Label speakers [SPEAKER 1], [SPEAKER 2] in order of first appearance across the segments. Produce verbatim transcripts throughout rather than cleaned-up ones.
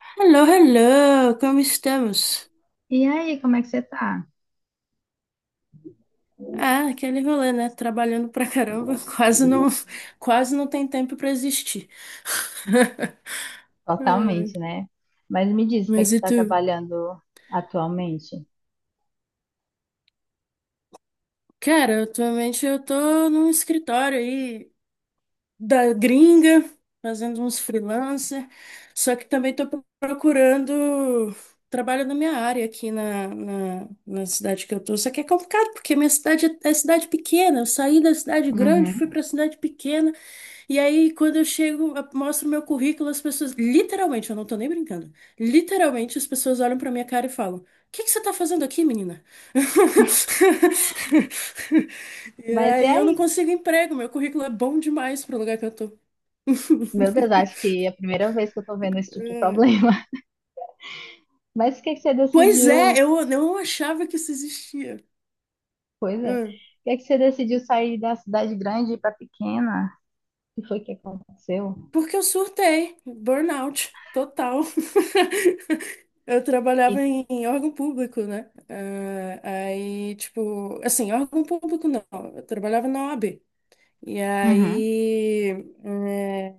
[SPEAKER 1] Hello, hello, como estamos?
[SPEAKER 2] E aí, como é que você tá?
[SPEAKER 1] Ah, aquele rolê, né? Trabalhando pra caramba, quase não, quase não tem tempo pra existir. Ai,
[SPEAKER 2] Totalmente, né? Mas me diz, o que é
[SPEAKER 1] mas
[SPEAKER 2] que tu
[SPEAKER 1] e
[SPEAKER 2] tá
[SPEAKER 1] tu?
[SPEAKER 2] trabalhando atualmente?
[SPEAKER 1] Cara, atualmente eu tô num escritório aí da gringa, fazendo uns freelancer, só que também tô pro- procurando trabalho na minha área aqui na, na, na cidade que eu tô. Só que é complicado, porque minha cidade é é cidade pequena. Eu saí da cidade grande,
[SPEAKER 2] Uhum.
[SPEAKER 1] fui pra cidade pequena. E aí, quando eu chego, eu mostro meu currículo, as pessoas, literalmente, eu não tô nem brincando, literalmente as pessoas olham pra minha cara e falam: o que que você tá fazendo aqui, menina? E
[SPEAKER 2] Mas e
[SPEAKER 1] aí eu não
[SPEAKER 2] aí?
[SPEAKER 1] consigo emprego, meu currículo é bom demais pro lugar que eu tô.
[SPEAKER 2] Meu Deus, acho que é a primeira vez que eu tô vendo esse tipo de
[SPEAKER 1] É.
[SPEAKER 2] problema. Mas o que é que você
[SPEAKER 1] Pois
[SPEAKER 2] decidiu?
[SPEAKER 1] é, eu eu não achava que isso existia.
[SPEAKER 2] Pois é. O
[SPEAKER 1] É.
[SPEAKER 2] que é que você decidiu sair da cidade grande e ir pra pequena? O que foi que aconteceu?
[SPEAKER 1] Porque eu surtei, burnout total. Eu
[SPEAKER 2] E
[SPEAKER 1] trabalhava em, em órgão público, né? Ah, aí, tipo, assim, órgão público não, eu trabalhava na O A B. E
[SPEAKER 2] Uhum.
[SPEAKER 1] aí, é,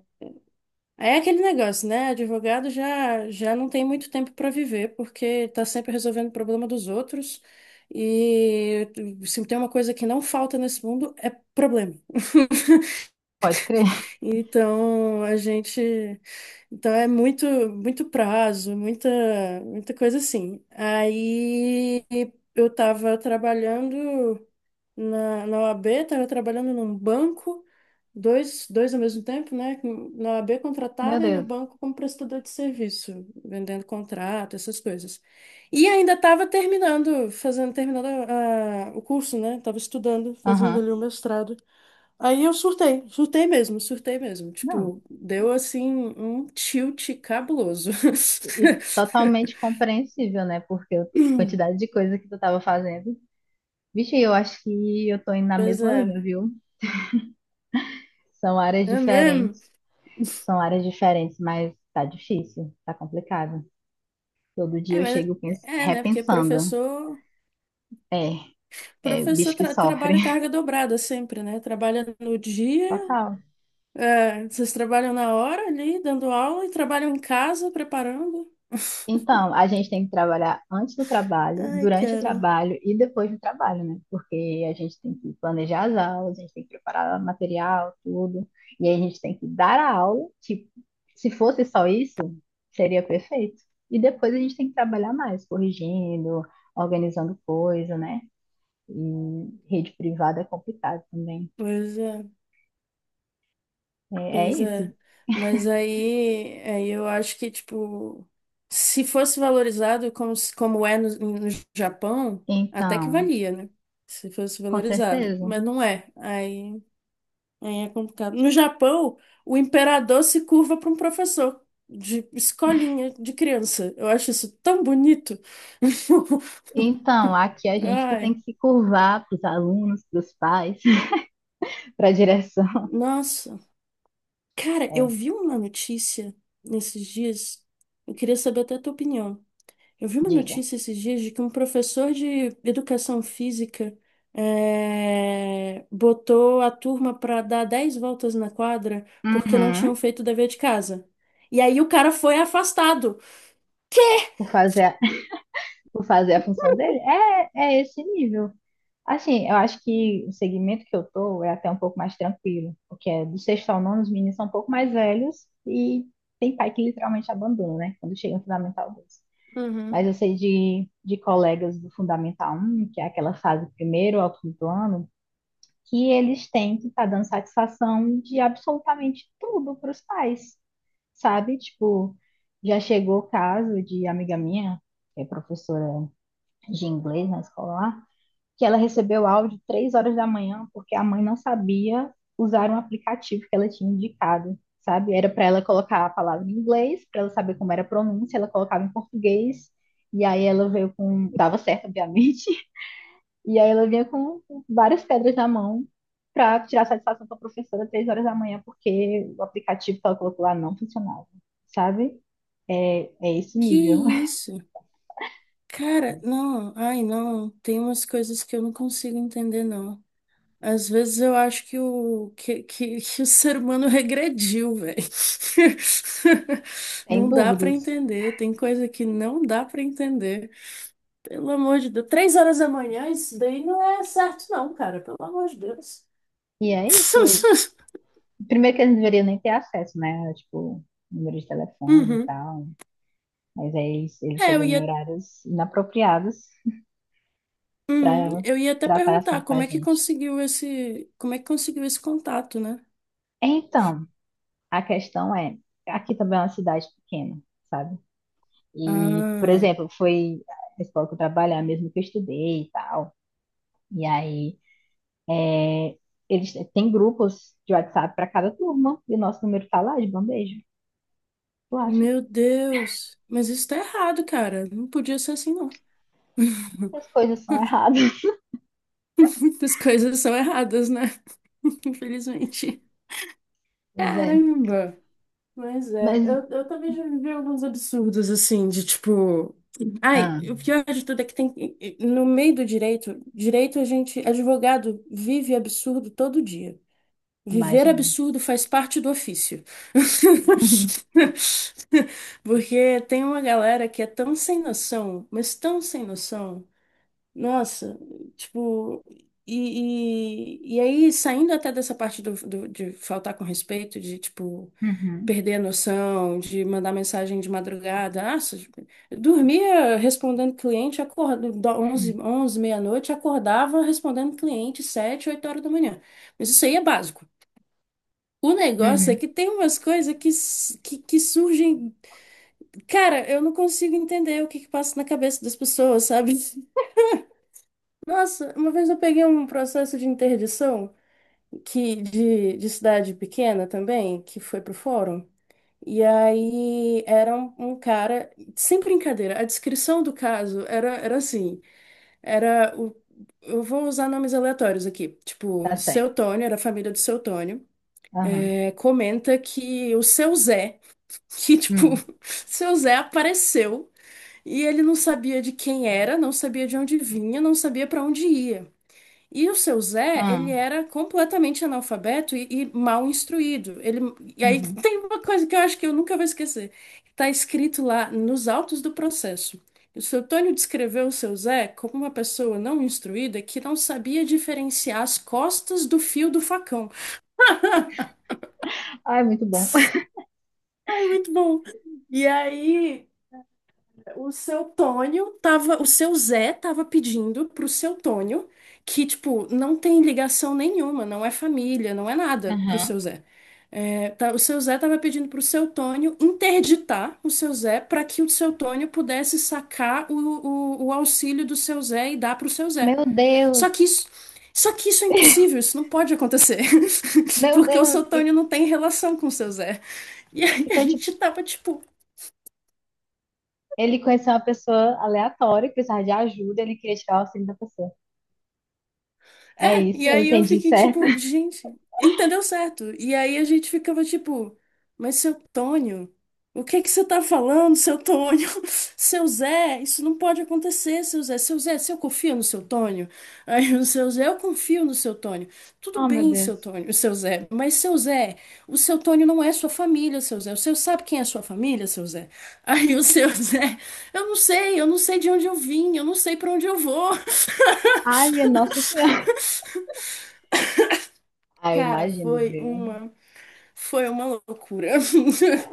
[SPEAKER 1] aí é aquele negócio, né? Advogado já, já não tem muito tempo para viver, porque tá sempre resolvendo o problema dos outros. E se tem uma coisa que não falta nesse mundo, é problema.
[SPEAKER 2] pode crer.
[SPEAKER 1] Então, a gente. Então, é muito, muito prazo, muita, muita coisa assim. Aí, eu estava trabalhando na, na O A B, estava trabalhando num banco, dois, dois ao mesmo tempo, né? com- Na O A B
[SPEAKER 2] Meu
[SPEAKER 1] contratada e no
[SPEAKER 2] Deus.
[SPEAKER 1] banco como prestador de serviço, vendendo contrato, essas coisas. E ainda estava terminando, fazendo, terminando a- o curso, né? Estava estudando, fazendo
[SPEAKER 2] Aham.
[SPEAKER 1] ali o mestrado. Aí eu surtei, surtei mesmo, surtei mesmo.
[SPEAKER 2] Não.
[SPEAKER 1] Tipo, deu assim um tilt cabuloso.
[SPEAKER 2] E, e totalmente compreensível, né? Porque a quantidade de coisa que tu tava fazendo. Vixe, eu acho que eu tô indo na
[SPEAKER 1] Pois
[SPEAKER 2] mesma
[SPEAKER 1] é,
[SPEAKER 2] linha, viu? São áreas
[SPEAKER 1] é mesmo.
[SPEAKER 2] diferentes, são áreas diferentes, mas tá difícil, tá complicado. Todo
[SPEAKER 1] É,
[SPEAKER 2] dia eu
[SPEAKER 1] mas
[SPEAKER 2] chego pens-
[SPEAKER 1] é, né? Porque
[SPEAKER 2] repensando.
[SPEAKER 1] professor,
[SPEAKER 2] É, é,
[SPEAKER 1] professor
[SPEAKER 2] bicho que
[SPEAKER 1] tra-
[SPEAKER 2] sofre.
[SPEAKER 1] trabalha carga dobrada sempre, né? Trabalha no dia,
[SPEAKER 2] Total.
[SPEAKER 1] é, vocês trabalham na hora ali, dando aula, e trabalham em casa, preparando.
[SPEAKER 2] Então, a gente tem que trabalhar antes do trabalho,
[SPEAKER 1] Ai,
[SPEAKER 2] durante o
[SPEAKER 1] cara.
[SPEAKER 2] trabalho e depois do trabalho, né? Porque a gente tem que planejar as aulas, a gente tem que preparar material, tudo. E aí a gente tem que dar a aula, tipo, se fosse só isso, seria perfeito. E depois a gente tem que trabalhar mais, corrigindo, organizando coisa, né? E rede privada é complicado também.
[SPEAKER 1] Pois é.
[SPEAKER 2] É, é,
[SPEAKER 1] Pois é.
[SPEAKER 2] isso.
[SPEAKER 1] Mas aí, aí eu acho que, tipo, se fosse valorizado como, se- como é no, no Japão, até que
[SPEAKER 2] Então,
[SPEAKER 1] valia, né? Se fosse
[SPEAKER 2] com
[SPEAKER 1] valorizado.
[SPEAKER 2] certeza.
[SPEAKER 1] Mas não é. Aí, aí é complicado. No Japão, o imperador se curva para um professor de escolinha de criança. Eu acho isso tão bonito.
[SPEAKER 2] Então, aqui é a gente que tem
[SPEAKER 1] Ai,
[SPEAKER 2] que se curvar para os alunos, para os pais. para a direção.
[SPEAKER 1] nossa. Cara, eu
[SPEAKER 2] É,
[SPEAKER 1] vi uma notícia nesses dias. Eu queria saber até a tua opinião. Eu vi uma
[SPEAKER 2] diga.
[SPEAKER 1] notícia esses dias de que um professor de educação física eh, botou a turma para dar dez voltas na quadra porque não
[SPEAKER 2] Uhum.
[SPEAKER 1] tinham feito o dever de casa. E aí o cara foi afastado.
[SPEAKER 2] Por fazer, a, por fazer a função dele. É, é esse nível. Assim, eu acho que o segmento que eu tô é até um pouco mais tranquilo, porque é do sexto ao nono os meninos são um pouco mais velhos e tem pai que literalmente abandona, né? Quando chega no Fundamental dois.
[SPEAKER 1] Uhum.
[SPEAKER 2] Mas eu sei de, de colegas do Fundamental um, que é aquela fase primeiro ao quinto ano, que eles têm que estar tá dando satisfação de absolutamente tudo para os pais. Sabe? Tipo, já chegou o caso de amiga minha, que é professora de inglês na escola lá, que ela recebeu áudio três horas da manhã porque a mãe não sabia usar um aplicativo que ela tinha indicado, sabe? Era para ela colocar a palavra em inglês, para ela saber como era a pronúncia, ela colocava em português, e aí ela veio com, dava certo, obviamente, e aí ela vinha com várias pedras na mão para tirar satisfação com a professora três horas da manhã, porque o aplicativo que ela colocou lá não funcionava, sabe? É, é esse
[SPEAKER 1] Que
[SPEAKER 2] nível,
[SPEAKER 1] isso? Cara, não, ai não, tem umas coisas que eu não consigo entender, não. Às vezes eu acho que o, que, que, que o ser humano regrediu, velho.
[SPEAKER 2] sem
[SPEAKER 1] Não dá pra
[SPEAKER 2] dúvidas.
[SPEAKER 1] entender, tem coisa que não dá pra entender. Pelo amor de Deus. Três horas da manhã, isso daí não é certo, não, cara. Pelo amor de Deus.
[SPEAKER 2] E é isso. Primeiro que eles não deveriam nem ter acesso, né? Tipo, número de telefone e
[SPEAKER 1] Uhum.
[SPEAKER 2] tal. Mas aí eles, eles
[SPEAKER 1] É, eu
[SPEAKER 2] chegam
[SPEAKER 1] ia,
[SPEAKER 2] em horários inapropriados
[SPEAKER 1] uhum.
[SPEAKER 2] para
[SPEAKER 1] Eu ia até
[SPEAKER 2] tratar assim
[SPEAKER 1] perguntar
[SPEAKER 2] com a
[SPEAKER 1] como é que
[SPEAKER 2] gente.
[SPEAKER 1] conseguiu esse, como é que conseguiu esse contato, né?
[SPEAKER 2] Então, a questão é, aqui também é uma cidade pequena, sabe? E, por
[SPEAKER 1] Ah,
[SPEAKER 2] exemplo, foi a escola que eu trabalhar mesmo que eu estudei e tal. E aí, é, eles têm grupos de WhatsApp para cada turma, e o nosso número tá lá de bandeja. Tu acha
[SPEAKER 1] meu Deus. Mas isso tá errado, cara. Não podia ser assim, não.
[SPEAKER 2] que as coisas são erradas?
[SPEAKER 1] Muitas coisas são erradas, né? Infelizmente.
[SPEAKER 2] Pois é.
[SPEAKER 1] Caramba. Mas
[SPEAKER 2] Mas,
[SPEAKER 1] é, eu, eu também já vivi alguns absurdos, assim, de tipo. Ai,
[SPEAKER 2] ah,
[SPEAKER 1] o pior de tudo é que tem. No meio do direito, direito a gente, advogado, vive absurdo todo dia. Viver
[SPEAKER 2] imagina.
[SPEAKER 1] absurdo faz parte do ofício. Porque tem uma galera que é tão sem noção, mas tão sem noção. Nossa, tipo. E, e, e aí, saindo até dessa parte do, do- de faltar com respeito, de tipo
[SPEAKER 2] Uhum,
[SPEAKER 1] perder a noção, de mandar mensagem de madrugada. Ah, eu dormia respondendo cliente, acordava onze
[SPEAKER 2] uhum,
[SPEAKER 1] onze meia-noite, acordava respondendo cliente sete oito horas da manhã. Mas isso aí é básico. O negócio é
[SPEAKER 2] uhum.
[SPEAKER 1] que tem umas coisas que, s- que, que surgem. Cara, eu não consigo entender o que, que passa na cabeça das pessoas, sabe? Nossa, uma vez eu peguei um processo de interdição que, de, de cidade pequena também, que foi pro fórum. E aí era um, um cara, sem brincadeira, a descrição do caso era, era assim, era o, eu vou usar nomes aleatórios aqui,
[SPEAKER 2] Tá
[SPEAKER 1] tipo,
[SPEAKER 2] certo.
[SPEAKER 1] seu Tônio, era a família do seu Tônio,
[SPEAKER 2] Aham.
[SPEAKER 1] é, comenta que o seu Zé, que tipo,
[SPEAKER 2] Hum,
[SPEAKER 1] seu Zé apareceu e ele não sabia de quem era, não sabia de onde vinha, não sabia pra onde ia. E o seu Zé, ele
[SPEAKER 2] ah,
[SPEAKER 1] era completamente analfabeto e, e mal instruído. Ele, e aí
[SPEAKER 2] uhum.
[SPEAKER 1] tem uma coisa que eu acho que eu nunca vou esquecer. Está escrito lá nos autos do processo. O seu Tônio descreveu o seu Zé como uma pessoa não instruída que não sabia diferenciar as costas do fio do facão.
[SPEAKER 2] Ai, muito bom.
[SPEAKER 1] Ai, muito bom. E aí, o seu Tônio tava, o seu Zé tava pedindo pro seu Tônio, que, tipo, não tem ligação nenhuma, não é família, não é nada pro
[SPEAKER 2] Aham.
[SPEAKER 1] seu Zé. É, tá- o seu Zé tava pedindo pro seu Tônio interditar o seu Zé para que o seu Tônio pudesse sacar o, o, o auxílio do seu Zé e dar pro seu Zé.
[SPEAKER 2] Meu Deus,
[SPEAKER 1] Só que isso, só que isso é impossível, isso não pode acontecer.
[SPEAKER 2] meu
[SPEAKER 1] Porque o
[SPEAKER 2] Deus.
[SPEAKER 1] seu
[SPEAKER 2] E-
[SPEAKER 1] Tônio não tem relação com o seu Zé. E aí a
[SPEAKER 2] Então,
[SPEAKER 1] gente
[SPEAKER 2] tipo,
[SPEAKER 1] tava, tipo,
[SPEAKER 2] ele conheceu uma pessoa aleatória que precisava de ajuda, ele queria tirar o auxílio da pessoa. É
[SPEAKER 1] é,
[SPEAKER 2] isso,
[SPEAKER 1] e
[SPEAKER 2] eu
[SPEAKER 1] aí eu
[SPEAKER 2] entendi
[SPEAKER 1] fiquei
[SPEAKER 2] certo.
[SPEAKER 1] tipo, gente, entendeu certo? E aí a gente ficava tipo, mas seu Tônio, o que que você tá falando, seu Tônio? Seu Zé, isso não pode acontecer, seu Zé. Seu Zé, se eu confio no seu Tônio? Aí o seu Zé, eu confio no seu Tônio. Tudo
[SPEAKER 2] Oh, meu
[SPEAKER 1] bem, seu
[SPEAKER 2] Deus.
[SPEAKER 1] Tônio, seu Zé, mas seu Zé, o seu Tônio não é sua família, seu Zé. O seu sabe quem é sua família, seu Zé? Aí o seu Zé, eu não sei, eu não sei de onde eu vim, eu não sei pra onde eu vou.
[SPEAKER 2] Ai, minha Nossa Senhora. Ai, eu
[SPEAKER 1] Cara,
[SPEAKER 2] imagino,
[SPEAKER 1] foi
[SPEAKER 2] viu?
[SPEAKER 1] uma foi uma loucura.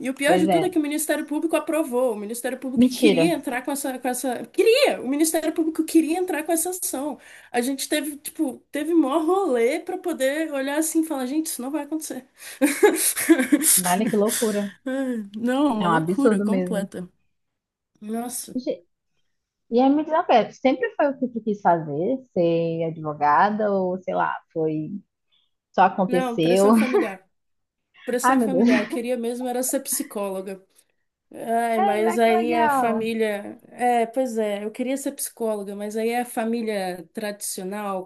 [SPEAKER 1] E o pior
[SPEAKER 2] Pois
[SPEAKER 1] de tudo
[SPEAKER 2] é.
[SPEAKER 1] é que o Ministério Público aprovou. O Ministério Público queria
[SPEAKER 2] Mentira.
[SPEAKER 1] entrar com essa, com essa, queria. O Ministério Público queria entrar com essa ação. A gente teve, tipo, teve mó rolê para poder olhar assim e falar, gente, isso não vai acontecer.
[SPEAKER 2] Olha que loucura.
[SPEAKER 1] Ai, não, é
[SPEAKER 2] É
[SPEAKER 1] uma
[SPEAKER 2] um
[SPEAKER 1] loucura
[SPEAKER 2] absurdo mesmo.
[SPEAKER 1] completa. Nossa.
[SPEAKER 2] Ge- E aí me diz uma coisa, sempre foi o que tu quis fazer? Ser advogada ou, sei lá, foi... Só
[SPEAKER 1] Não,
[SPEAKER 2] aconteceu?
[SPEAKER 1] pressão familiar.
[SPEAKER 2] Ai,
[SPEAKER 1] Pressão
[SPEAKER 2] meu Deus.
[SPEAKER 1] familiar. Eu queria mesmo era ser psicóloga. Ai,
[SPEAKER 2] Sério, ai,
[SPEAKER 1] mas
[SPEAKER 2] que
[SPEAKER 1] aí a
[SPEAKER 2] legal.
[SPEAKER 1] família. É, pois é, eu queria ser psicóloga, mas aí a família tradicional,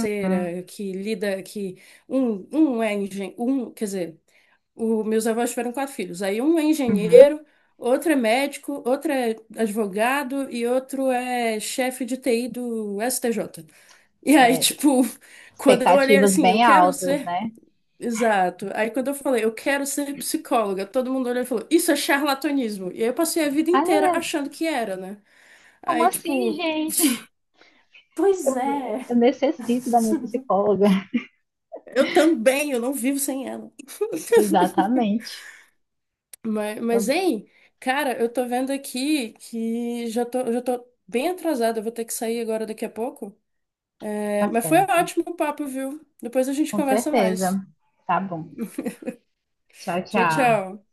[SPEAKER 2] Uhum.
[SPEAKER 1] que lida, que um, um é engenheiro, um, quer dizer, o, meus avós tiveram quatro filhos. Aí um é
[SPEAKER 2] Uhum.
[SPEAKER 1] engenheiro, outro é médico, outro é advogado e outro é chefe de T I do S T J. E aí,
[SPEAKER 2] É,
[SPEAKER 1] tipo, quando eu olhei
[SPEAKER 2] expectativas
[SPEAKER 1] assim, eu
[SPEAKER 2] bem
[SPEAKER 1] quero
[SPEAKER 2] altas,
[SPEAKER 1] ser
[SPEAKER 2] né?
[SPEAKER 1] exato. Aí quando eu falei, eu quero ser psicóloga, todo mundo olhou e falou, isso é charlatanismo. E aí eu passei a vida
[SPEAKER 2] Ai, meu
[SPEAKER 1] inteira
[SPEAKER 2] Deus.
[SPEAKER 1] achando que era, né?
[SPEAKER 2] Como
[SPEAKER 1] Aí,
[SPEAKER 2] assim,
[SPEAKER 1] tipo,
[SPEAKER 2] gente?
[SPEAKER 1] pois
[SPEAKER 2] Eu,
[SPEAKER 1] é.
[SPEAKER 2] eu necessito da minha psicóloga.
[SPEAKER 1] Eu também, eu não vivo sem ela.
[SPEAKER 2] Exatamente.
[SPEAKER 1] Mas, mas, hein, cara, eu tô vendo aqui que já tô, já tô bem atrasada, eu vou ter que sair agora daqui a pouco. É,
[SPEAKER 2] Tá
[SPEAKER 1] mas foi
[SPEAKER 2] certo.
[SPEAKER 1] ótimo o papo, viu? Depois a gente
[SPEAKER 2] Com
[SPEAKER 1] conversa mais.
[SPEAKER 2] certeza. Tá bom. Tchau,
[SPEAKER 1] Tchau,
[SPEAKER 2] tchau.
[SPEAKER 1] tchau.